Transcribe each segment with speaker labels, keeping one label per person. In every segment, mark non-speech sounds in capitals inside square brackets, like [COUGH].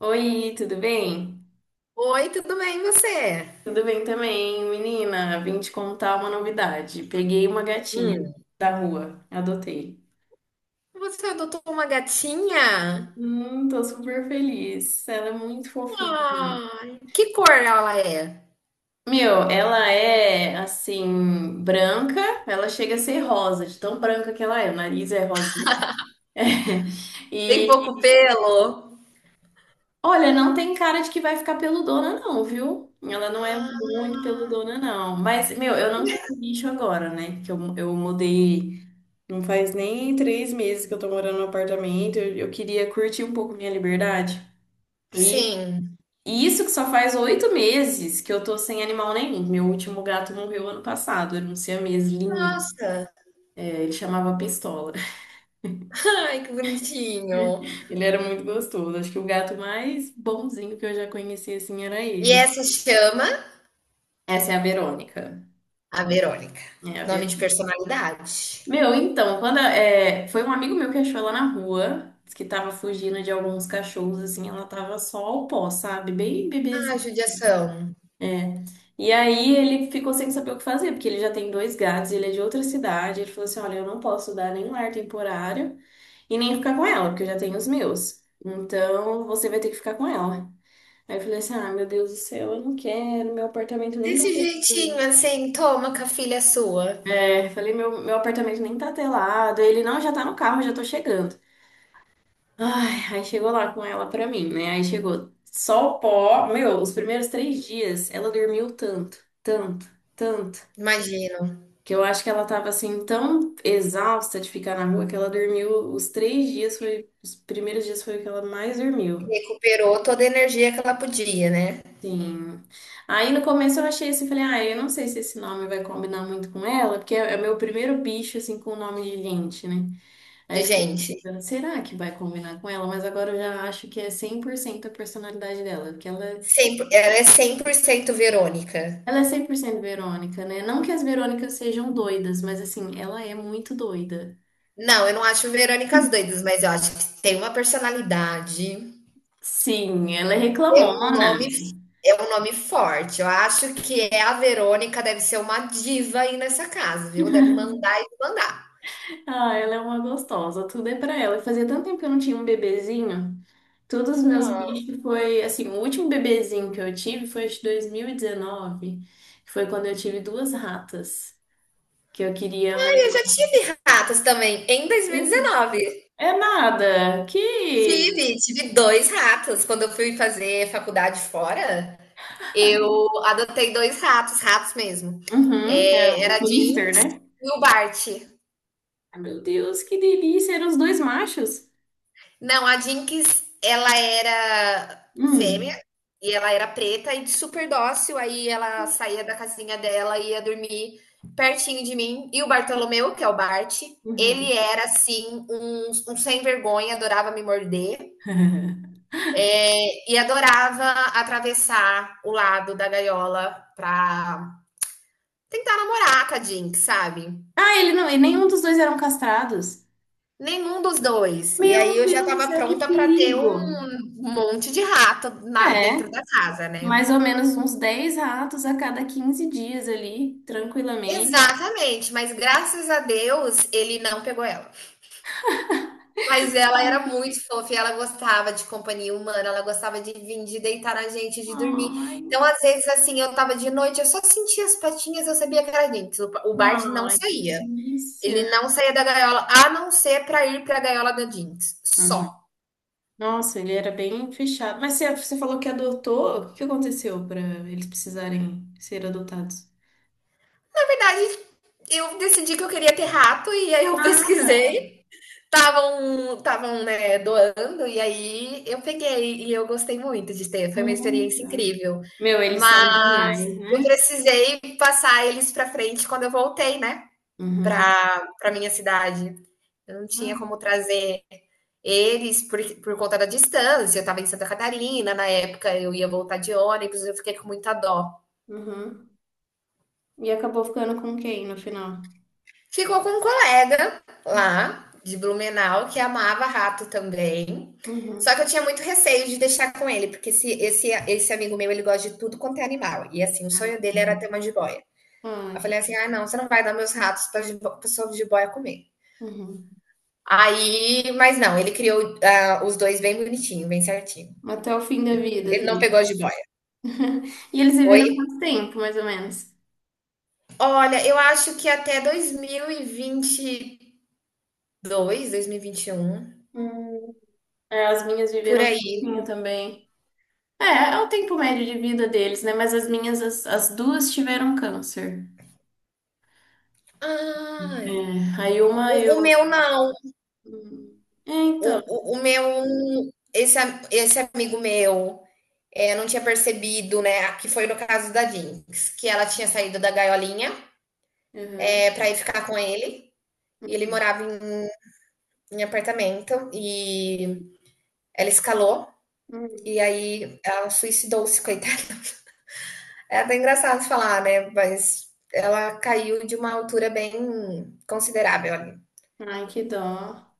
Speaker 1: Oi, tudo bem?
Speaker 2: Oi, tudo bem, e você?
Speaker 1: Tudo bem também, menina. Vim te contar uma novidade. Peguei uma gatinha
Speaker 2: Hum.
Speaker 1: da rua, adotei.
Speaker 2: Você adotou uma gatinha?
Speaker 1: Tô super feliz. Ela é muito fofinha.
Speaker 2: Ai, que cor ela é?
Speaker 1: Meu, ela é assim, branca, ela chega a ser rosa, de tão branca que ela é, o nariz é rosa.
Speaker 2: Tem pouco
Speaker 1: E
Speaker 2: pelo?
Speaker 1: olha, não tem cara de que vai ficar peludona, não, viu? Ela não é muito
Speaker 2: Ah,
Speaker 1: peludona, não. Mas, meu, eu não quis bicho agora, né? Que eu mudei. Não faz nem 3 meses que eu tô morando no apartamento. Eu queria curtir um pouco minha liberdade. E,
Speaker 2: sim.
Speaker 1: e isso que só faz 8 meses que eu tô sem animal nenhum. Meu último gato morreu ano passado. Era um siamês lindo.
Speaker 2: Nossa,
Speaker 1: É, ele chamava Pistola.
Speaker 2: ai, que bonitinho.
Speaker 1: [LAUGHS] Ele era muito gostoso. Acho que o gato mais bonzinho que eu já conheci assim era
Speaker 2: E
Speaker 1: ele.
Speaker 2: essa chama
Speaker 1: Essa é a Verônica.
Speaker 2: a Verônica.
Speaker 1: É a
Speaker 2: Nome de
Speaker 1: Verônica.
Speaker 2: personalidade.
Speaker 1: Meu, então, foi um amigo meu que achou ela na rua, disse que tava fugindo de alguns cachorros, assim, ela tava só o pó, sabe? Bem
Speaker 2: Ah,
Speaker 1: bebezinha.
Speaker 2: judiação.
Speaker 1: É. E aí ele ficou sem saber o que fazer, porque ele já tem dois gatos, ele é de outra cidade. Ele falou assim: olha, eu não posso dar nenhum lar temporário e nem ficar com ela, porque eu já tenho os meus. Então você vai ter que ficar com ela. Aí eu falei assim: ah, meu Deus do céu, eu não quero, meu apartamento nem dá
Speaker 2: Desse
Speaker 1: pra.
Speaker 2: jeitinho
Speaker 1: Eu.
Speaker 2: assim, toma com a filha sua.
Speaker 1: É, falei, meu apartamento nem tá telado. Ele, não, já tá no carro, já tô chegando. Ai, aí chegou lá com ela pra mim, né? Aí chegou só o pó. Meu, os primeiros 3 dias ela dormiu tanto, tanto, tanto.
Speaker 2: Imagino.
Speaker 1: Que eu acho que ela tava assim tão exausta de ficar na rua que ela dormiu os 3 dias, foi, os primeiros dias foi o que ela mais dormiu.
Speaker 2: Recuperou toda a energia que ela podia, né?
Speaker 1: Sim. Aí no começo eu achei assim, falei, ah, eu não sei se esse nome vai combinar muito com ela, porque é o meu primeiro bicho assim com nome de gente, né? Aí
Speaker 2: De
Speaker 1: eu fiquei
Speaker 2: gente.
Speaker 1: pensando, será que vai combinar com ela? Mas agora eu já acho que é 100% a personalidade dela, porque ela,
Speaker 2: Ela é 100% Verônica.
Speaker 1: ela é 100% Verônica, né? Não que as Verônicas sejam doidas, mas assim, ela é muito doida.
Speaker 2: Não, eu não acho Verônicas doidas, mas eu acho que tem uma personalidade,
Speaker 1: Sim, ela é
Speaker 2: é um
Speaker 1: reclamona.
Speaker 2: nome, é um nome forte. Eu acho que é a Verônica deve ser uma diva aí nessa casa, viu? Deve mandar e mandar.
Speaker 1: Ah, ela é uma gostosa, tudo é pra ela. Fazia tanto tempo que eu não tinha um bebezinho. Todos os meus
Speaker 2: Ah,
Speaker 1: bichos foi, assim, o último bebezinho que eu tive foi de 2019, que foi quando eu tive duas ratas, que eu queria um.
Speaker 2: eu já tive ratos também em 2019.
Speaker 1: É nada, que.
Speaker 2: Tive dois ratos. Quando eu fui fazer faculdade fora, eu adotei dois ratos, ratos mesmo.
Speaker 1: Uhum, é
Speaker 2: É,
Speaker 1: o
Speaker 2: era a
Speaker 1: Twister,
Speaker 2: Jinx
Speaker 1: né?
Speaker 2: e o Bart.
Speaker 1: Ai, meu Deus, que delícia, eram os dois machos.
Speaker 2: Não, a Jinx, ela era fêmea
Speaker 1: Hum,
Speaker 2: e ela era preta e super dócil. Aí ela saía da casinha dela e ia dormir pertinho de mim. E o Bartolomeu, que é o Bart, ele
Speaker 1: uhum.
Speaker 2: era assim, um sem vergonha, adorava me morder.
Speaker 1: [LAUGHS]
Speaker 2: E adorava atravessar o lado da gaiola pra tentar namorar com a Jinx, sabe?
Speaker 1: Ah, ele não, e nenhum dos dois eram castrados.
Speaker 2: Nenhum dos dois. E aí
Speaker 1: Meu
Speaker 2: eu já
Speaker 1: Deus do
Speaker 2: tava
Speaker 1: céu, que
Speaker 2: pronta pra ter um
Speaker 1: perigo.
Speaker 2: monte de rato
Speaker 1: É.
Speaker 2: dentro da casa, né?
Speaker 1: Mais ou menos uns 10 ratos a cada 15 dias ali, tranquilamente.
Speaker 2: Exatamente, mas graças a Deus ele não pegou ela. Mas ela era muito fofa e ela gostava de companhia humana, ela gostava de vir, de deitar na gente, de dormir.
Speaker 1: Ai,
Speaker 2: Então, às vezes, assim, eu tava de noite, eu só sentia as patinhas, eu sabia que era Jinx. O Bart não
Speaker 1: ai, que
Speaker 2: saía. Ele
Speaker 1: delícia.
Speaker 2: não saía da gaiola, a não ser pra ir pra gaiola da Jinx.
Speaker 1: Uhum.
Speaker 2: Só.
Speaker 1: Nossa, ele era bem fechado. Mas você falou que adotou. O que aconteceu para eles precisarem ser adotados?
Speaker 2: Na verdade, eu decidi que eu queria ter rato e aí eu [LAUGHS]
Speaker 1: Ah, tá.
Speaker 2: pesquisei. Estavam, estavam, né, doando, e aí eu peguei e eu gostei muito de ter, foi uma experiência
Speaker 1: Tá.
Speaker 2: incrível.
Speaker 1: Meu, eles são
Speaker 2: Mas
Speaker 1: demais,
Speaker 2: eu
Speaker 1: né?
Speaker 2: precisei passar eles para frente quando eu voltei, né,
Speaker 1: Uhum.
Speaker 2: para minha cidade. Eu não tinha
Speaker 1: Ah,
Speaker 2: como trazer eles por conta da distância, eu estava em Santa Catarina, na época eu ia voltar de ônibus, eu fiquei com muita dó.
Speaker 1: uhum. E acabou ficando com quem no final?
Speaker 2: Ficou com um colega lá de Blumenau que amava rato também. Só
Speaker 1: Uhum.
Speaker 2: que eu tinha muito receio de deixar com ele, porque esse amigo meu, ele gosta de tudo quanto é animal. E assim, o
Speaker 1: Ah,
Speaker 2: sonho dele era ter
Speaker 1: uhum.
Speaker 2: uma jiboia.
Speaker 1: Ah,
Speaker 2: Eu
Speaker 1: que...
Speaker 2: falei assim: ah, não, você não vai dar meus ratos para a pessoa de jiboia comer.
Speaker 1: uhum.
Speaker 2: Aí, mas não, ele criou, os dois bem bonitinho, bem certinho.
Speaker 1: Até o fim da vida
Speaker 2: Ele não
Speaker 1: dele.
Speaker 2: pegou a jiboia.
Speaker 1: [LAUGHS] E eles
Speaker 2: Oi?
Speaker 1: viveram quanto tempo, mais ou menos?
Speaker 2: Olha, eu acho que até 2022, dois mil e vinte 2022, um
Speaker 1: Hum, é, as minhas
Speaker 2: por
Speaker 1: viveram um
Speaker 2: aí.
Speaker 1: pouquinho também. É, é o tempo médio de vida deles, né? Mas as minhas, as duas tiveram câncer.
Speaker 2: Ai,
Speaker 1: É, aí uma
Speaker 2: o
Speaker 1: eu.
Speaker 2: meu não.
Speaker 1: Hum, É,
Speaker 2: O,
Speaker 1: então.
Speaker 2: o, o meu, esse amigo meu, não tinha percebido, né? Que foi no caso da Jinx, que ela tinha saído da gaiolinha,
Speaker 1: Uhum.
Speaker 2: para ir ficar com ele. E ele
Speaker 1: Hum,
Speaker 2: morava em apartamento e ela escalou.
Speaker 1: hum.
Speaker 2: E aí ela suicidou-se, [LAUGHS] coitada. É até engraçado falar, né? Mas ela caiu de uma altura bem considerável.
Speaker 1: Hum. Ai, que dó.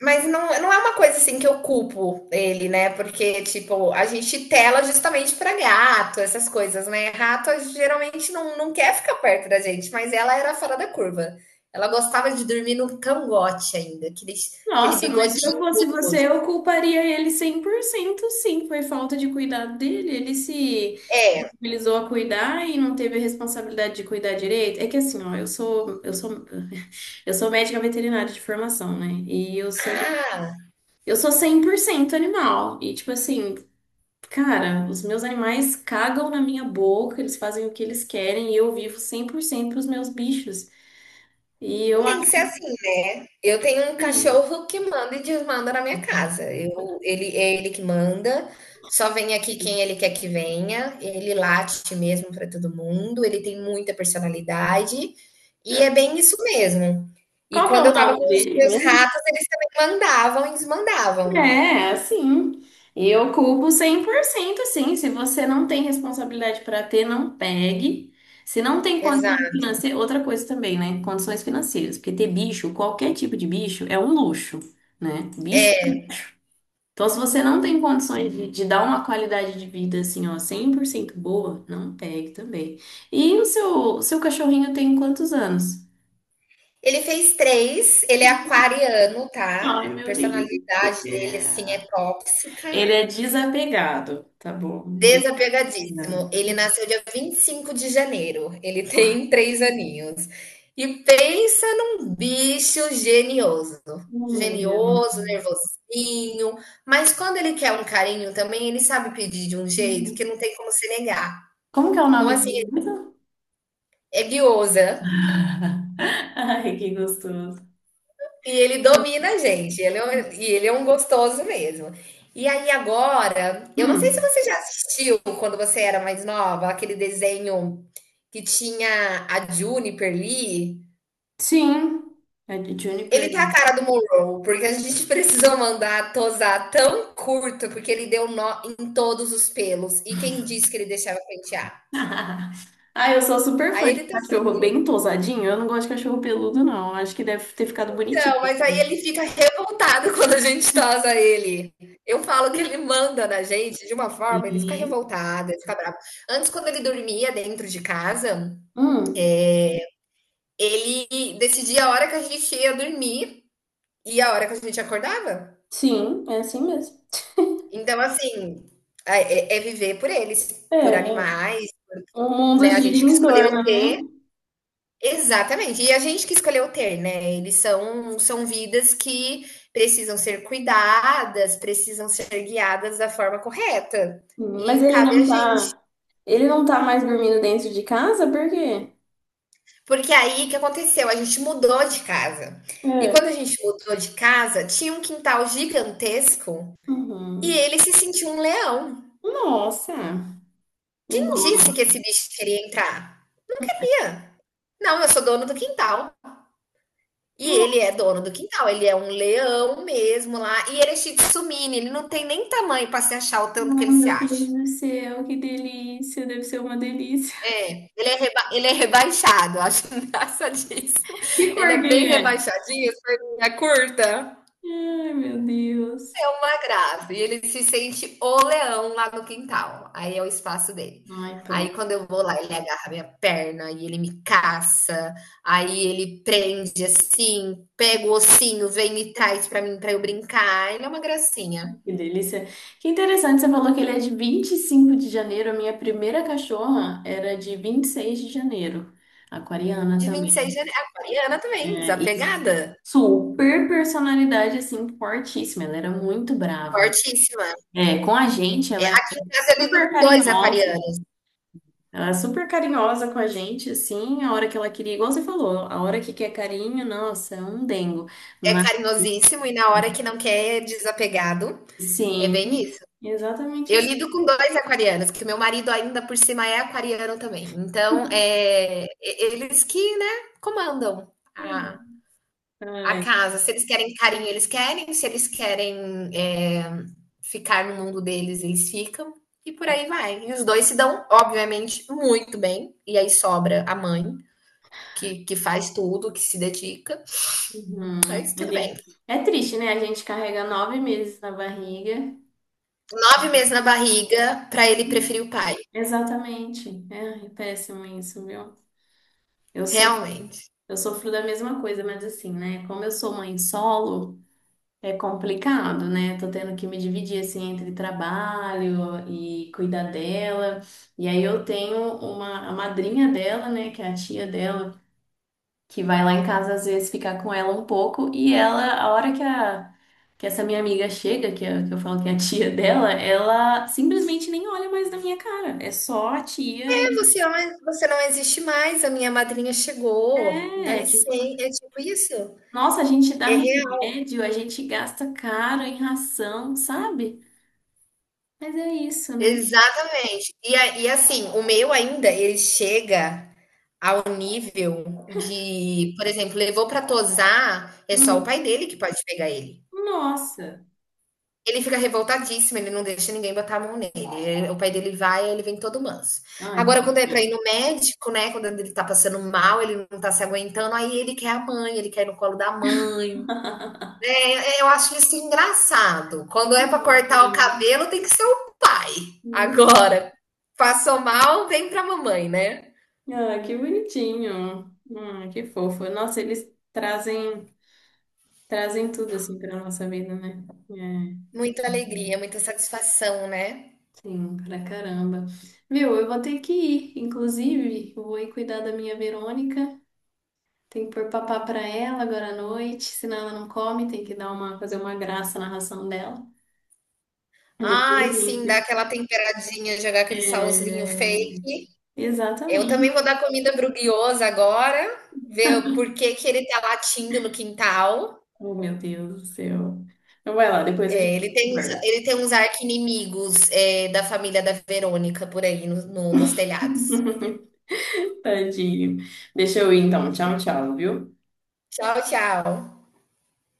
Speaker 2: Mas não, não é uma coisa assim que eu culpo ele, né? Porque, tipo, a gente tela justamente pra gato, essas coisas, né? Rato geralmente não quer ficar perto da gente, mas ela era fora da curva. Ela gostava de dormir no cangote ainda, aquele
Speaker 1: Nossa, mas se eu
Speaker 2: bigodinho
Speaker 1: fosse
Speaker 2: gostoso.
Speaker 1: você, eu culparia ele 100% sim. Foi falta de cuidado dele. Ele se mobilizou a cuidar e não teve a responsabilidade de cuidar direito. É que assim, ó, [LAUGHS] eu sou médica veterinária de formação, né? E
Speaker 2: Ah,
Speaker 1: eu sou 100% animal. E tipo assim, cara, os meus animais cagam na minha boca, eles fazem o que eles querem e eu vivo 100% pros meus bichos. E
Speaker 2: não,
Speaker 1: eu
Speaker 2: tem que ser
Speaker 1: acho.
Speaker 2: assim, né? Eu tenho um cachorro que manda e desmanda na minha casa. É ele que manda, só vem aqui quem ele quer que venha. Ele late mesmo para todo mundo, ele tem muita personalidade e é bem isso mesmo. E
Speaker 1: Qual que é
Speaker 2: quando
Speaker 1: o
Speaker 2: eu tava
Speaker 1: nome
Speaker 2: com os
Speaker 1: dele
Speaker 2: meus
Speaker 1: mesmo?
Speaker 2: ratos, eles também mandavam e desmandavam.
Speaker 1: É, assim, eu culpo 100%, sim. Se você não tem responsabilidade para ter, não pegue. Se não tem condições
Speaker 2: Exato.
Speaker 1: financeiras, outra coisa também, né? Condições financeiras, porque ter bicho, qualquer tipo de bicho, é um luxo, né? Bicho. Então, se você não tem condições de dar uma qualidade de vida assim, ó, 100% boa, não pegue também. E o seu cachorrinho tem quantos anos?
Speaker 2: Ele fez 3, ele é aquariano, tá?
Speaker 1: Ai,
Speaker 2: A
Speaker 1: meu Deus do
Speaker 2: personalidade dele, assim, é
Speaker 1: céu.
Speaker 2: tóxica.
Speaker 1: Ele é desapegado, tá bom? Diga.
Speaker 2: Desapegadíssimo. Ele nasceu dia 25 de janeiro. Ele [LAUGHS] tem 3 aninhos. E pensa num bicho genioso.
Speaker 1: Oh, meu Deus.
Speaker 2: Genioso, nervosinho, mas quando ele quer um carinho também, ele sabe pedir de um jeito que não tem como se negar.
Speaker 1: Como que é o
Speaker 2: Então,
Speaker 1: nome
Speaker 2: assim,
Speaker 1: dele mesmo?
Speaker 2: é guiosa.
Speaker 1: [LAUGHS] Ai, que gostoso.
Speaker 2: E ele domina a gente, ele é um gostoso mesmo. E aí agora, eu não sei se
Speaker 1: Hum,
Speaker 2: você já assistiu quando você era mais nova, aquele desenho que tinha a Juniper Lee.
Speaker 1: sim, é de
Speaker 2: Ele
Speaker 1: Juniper.
Speaker 2: tá a cara do Monroe, porque a gente [LAUGHS] precisou mandar tosar tão curto, porque ele deu nó em todos os pelos. E quem disse que ele deixava pentear?
Speaker 1: [LAUGHS] Ah, eu sou super
Speaker 2: Aí
Speaker 1: fã de
Speaker 2: ele tá
Speaker 1: cachorro bem tosadinho. Eu não gosto de cachorro peludo, não. Acho que deve ter ficado bonitinho.
Speaker 2: Então, mas aí ele fica revoltado [LAUGHS] quando a gente tosa ele. Eu falo que ele manda na gente de uma forma, ele fica
Speaker 1: Sim.
Speaker 2: revoltado, ele fica bravo. Antes, quando ele dormia dentro de casa,
Speaker 1: Hum,
Speaker 2: ele decidia a hora que a gente ia dormir e a hora que a gente acordava.
Speaker 1: sim, é assim mesmo.
Speaker 2: Então, assim, é viver por eles, por
Speaker 1: É,
Speaker 2: animais,
Speaker 1: o mundo
Speaker 2: né? A
Speaker 1: gira
Speaker 2: gente que
Speaker 1: em
Speaker 2: escolheu.
Speaker 1: torno, né?
Speaker 2: Exatamente. E a gente que escolheu ter, né? Eles são vidas que precisam ser cuidadas, precisam ser guiadas da forma correta.
Speaker 1: Mas
Speaker 2: E cabe a gente.
Speaker 1: ele não tá mais dormindo dentro de casa, por quê?
Speaker 2: Porque aí o que aconteceu? A gente mudou de casa. E quando
Speaker 1: É.
Speaker 2: a gente mudou de casa, tinha um quintal gigantesco e
Speaker 1: Uhum.
Speaker 2: ele se sentiu um leão.
Speaker 1: Nossa, o
Speaker 2: Quem disse
Speaker 1: dono.
Speaker 2: que esse bicho queria entrar? Não queria. Não, eu sou dono do quintal. E ele é dono do quintal, ele é um leão mesmo lá. E ele é shih tzu mini, ele não tem nem tamanho para se achar o tanto que
Speaker 1: Ai,
Speaker 2: ele se
Speaker 1: meu
Speaker 2: acha.
Speaker 1: Deus do céu, que delícia! Deve ser uma delícia. [LAUGHS]
Speaker 2: É, ele é rebaixado, eu acho [LAUGHS] engraçadíssimo.
Speaker 1: Que cor
Speaker 2: Ele é
Speaker 1: que ele
Speaker 2: bem
Speaker 1: é?
Speaker 2: rebaixadinho, as perninhas curtas.
Speaker 1: Ai, meu Deus.
Speaker 2: É uma graça. E ele se sente o leão lá no quintal. Aí é o espaço dele.
Speaker 1: Ai,
Speaker 2: Aí
Speaker 1: pronto,
Speaker 2: quando eu vou lá, ele agarra minha perna e ele me caça. Aí ele prende assim, pega o ossinho, vem e traz pra mim pra eu brincar. Ele é uma gracinha.
Speaker 1: que delícia. Que interessante, você falou que ele é de 25 de janeiro. A minha primeira cachorra era de 26 de janeiro, aquariana
Speaker 2: De 26 de
Speaker 1: também.
Speaker 2: janeiro. Aquariana também,
Speaker 1: É, e
Speaker 2: desapegada.
Speaker 1: super personalidade, assim, fortíssima. Ela era muito brava.
Speaker 2: Fortíssima.
Speaker 1: É, com a gente,
Speaker 2: É,
Speaker 1: ela era
Speaker 2: aqui em casa eu lido
Speaker 1: super
Speaker 2: com dois
Speaker 1: carinhosa.
Speaker 2: aquarianos.
Speaker 1: Ela é super carinhosa com a gente, assim, a hora que ela queria, igual você falou, a hora que quer carinho, nossa, é um dengo.
Speaker 2: É
Speaker 1: Mas
Speaker 2: carinhosíssimo e na hora que não quer é desapegado. É bem
Speaker 1: sim,
Speaker 2: isso.
Speaker 1: exatamente
Speaker 2: Eu
Speaker 1: assim.
Speaker 2: lido com dois aquarianos, que meu marido ainda por cima é aquariano também. Então, eles que, né, comandam a
Speaker 1: Ai,
Speaker 2: casa. Se eles querem carinho, eles querem. Se eles querem, é, ficar no mundo deles, eles ficam. E por aí vai. E os dois se dão, obviamente, muito bem. E aí sobra a mãe, que faz tudo, que se dedica.
Speaker 1: uhum.
Speaker 2: Mas
Speaker 1: A
Speaker 2: tudo bem.
Speaker 1: gente, é triste, né? A gente carrega 9 meses na barriga.
Speaker 2: 9 meses na barriga, para
Speaker 1: É,
Speaker 2: ele preferir o pai.
Speaker 1: exatamente. É, é péssimo isso, viu? Eu sofro,
Speaker 2: Realmente.
Speaker 1: eu sofro da mesma coisa, mas assim, né? Como eu sou mãe solo. É complicado, né? Tô tendo que me dividir assim entre trabalho e cuidar dela. E aí eu tenho uma a madrinha dela, né, que é a tia dela, que vai lá em casa às vezes ficar com ela um pouco e ela, a hora que a que essa minha amiga chega, que, é- que eu falo que é a tia [LAUGHS] dela, ela simplesmente nem olha mais na minha cara. É só a tia e
Speaker 2: Você, olha, você não existe mais, a minha madrinha chegou, dá
Speaker 1: é, é tipo,
Speaker 2: licen é tipo isso.
Speaker 1: nossa, a gente dá
Speaker 2: É real,
Speaker 1: remédio, a gente gasta caro em ração, sabe? Mas é isso, né?
Speaker 2: exatamente. E assim, o meu ainda, ele chega ao nível de, por exemplo, levou pra tosar, é só o pai dele que pode pegar ele.
Speaker 1: Nossa!
Speaker 2: Ele fica revoltadíssimo, ele não deixa ninguém botar a mão nele, o pai dele vai, ele vem todo manso.
Speaker 1: Ai,
Speaker 2: Agora
Speaker 1: que
Speaker 2: quando é pra ir no médico, né, quando ele tá passando mal, ele não tá se aguentando, aí ele quer a mãe, ele quer ir no colo da mãe.
Speaker 1: [LAUGHS]
Speaker 2: É, eu acho isso engraçado. Quando é para cortar o
Speaker 1: bonitinho.
Speaker 2: cabelo, tem que ser o pai. Agora, passou mal, vem pra mamãe, né?
Speaker 1: Ah, que bonitinho. Ah, que fofo. Nossa, eles trazem tudo assim para nossa vida, né? É,
Speaker 2: Muita alegria, muita satisfação, né?
Speaker 1: sim, pra caramba. Meu, eu vou ter que ir. Inclusive, eu vou ir cuidar da minha Verônica. Tem que pôr papá pra ela agora à noite, senão ela não come, tem que dar uma fazer uma graça na ração dela. E depois,
Speaker 2: Ai, sim, dar
Speaker 1: gente,
Speaker 2: aquela temperadinha, jogar aquele salzinho
Speaker 1: é,
Speaker 2: fake. Eu também vou
Speaker 1: exatamente.
Speaker 2: dar comida pro Guioso agora, ver por que que ele tá latindo no quintal.
Speaker 1: Oh, meu Deus do céu. Então vai lá, depois a gente
Speaker 2: É,
Speaker 1: conversa.
Speaker 2: ele tem uns arqui-inimigos, da família da Verônica por aí nos telhados.
Speaker 1: [LAUGHS] Tadinho. Deixa eu ir então. Tchau, tchau, viu?
Speaker 2: Tchau, tchau.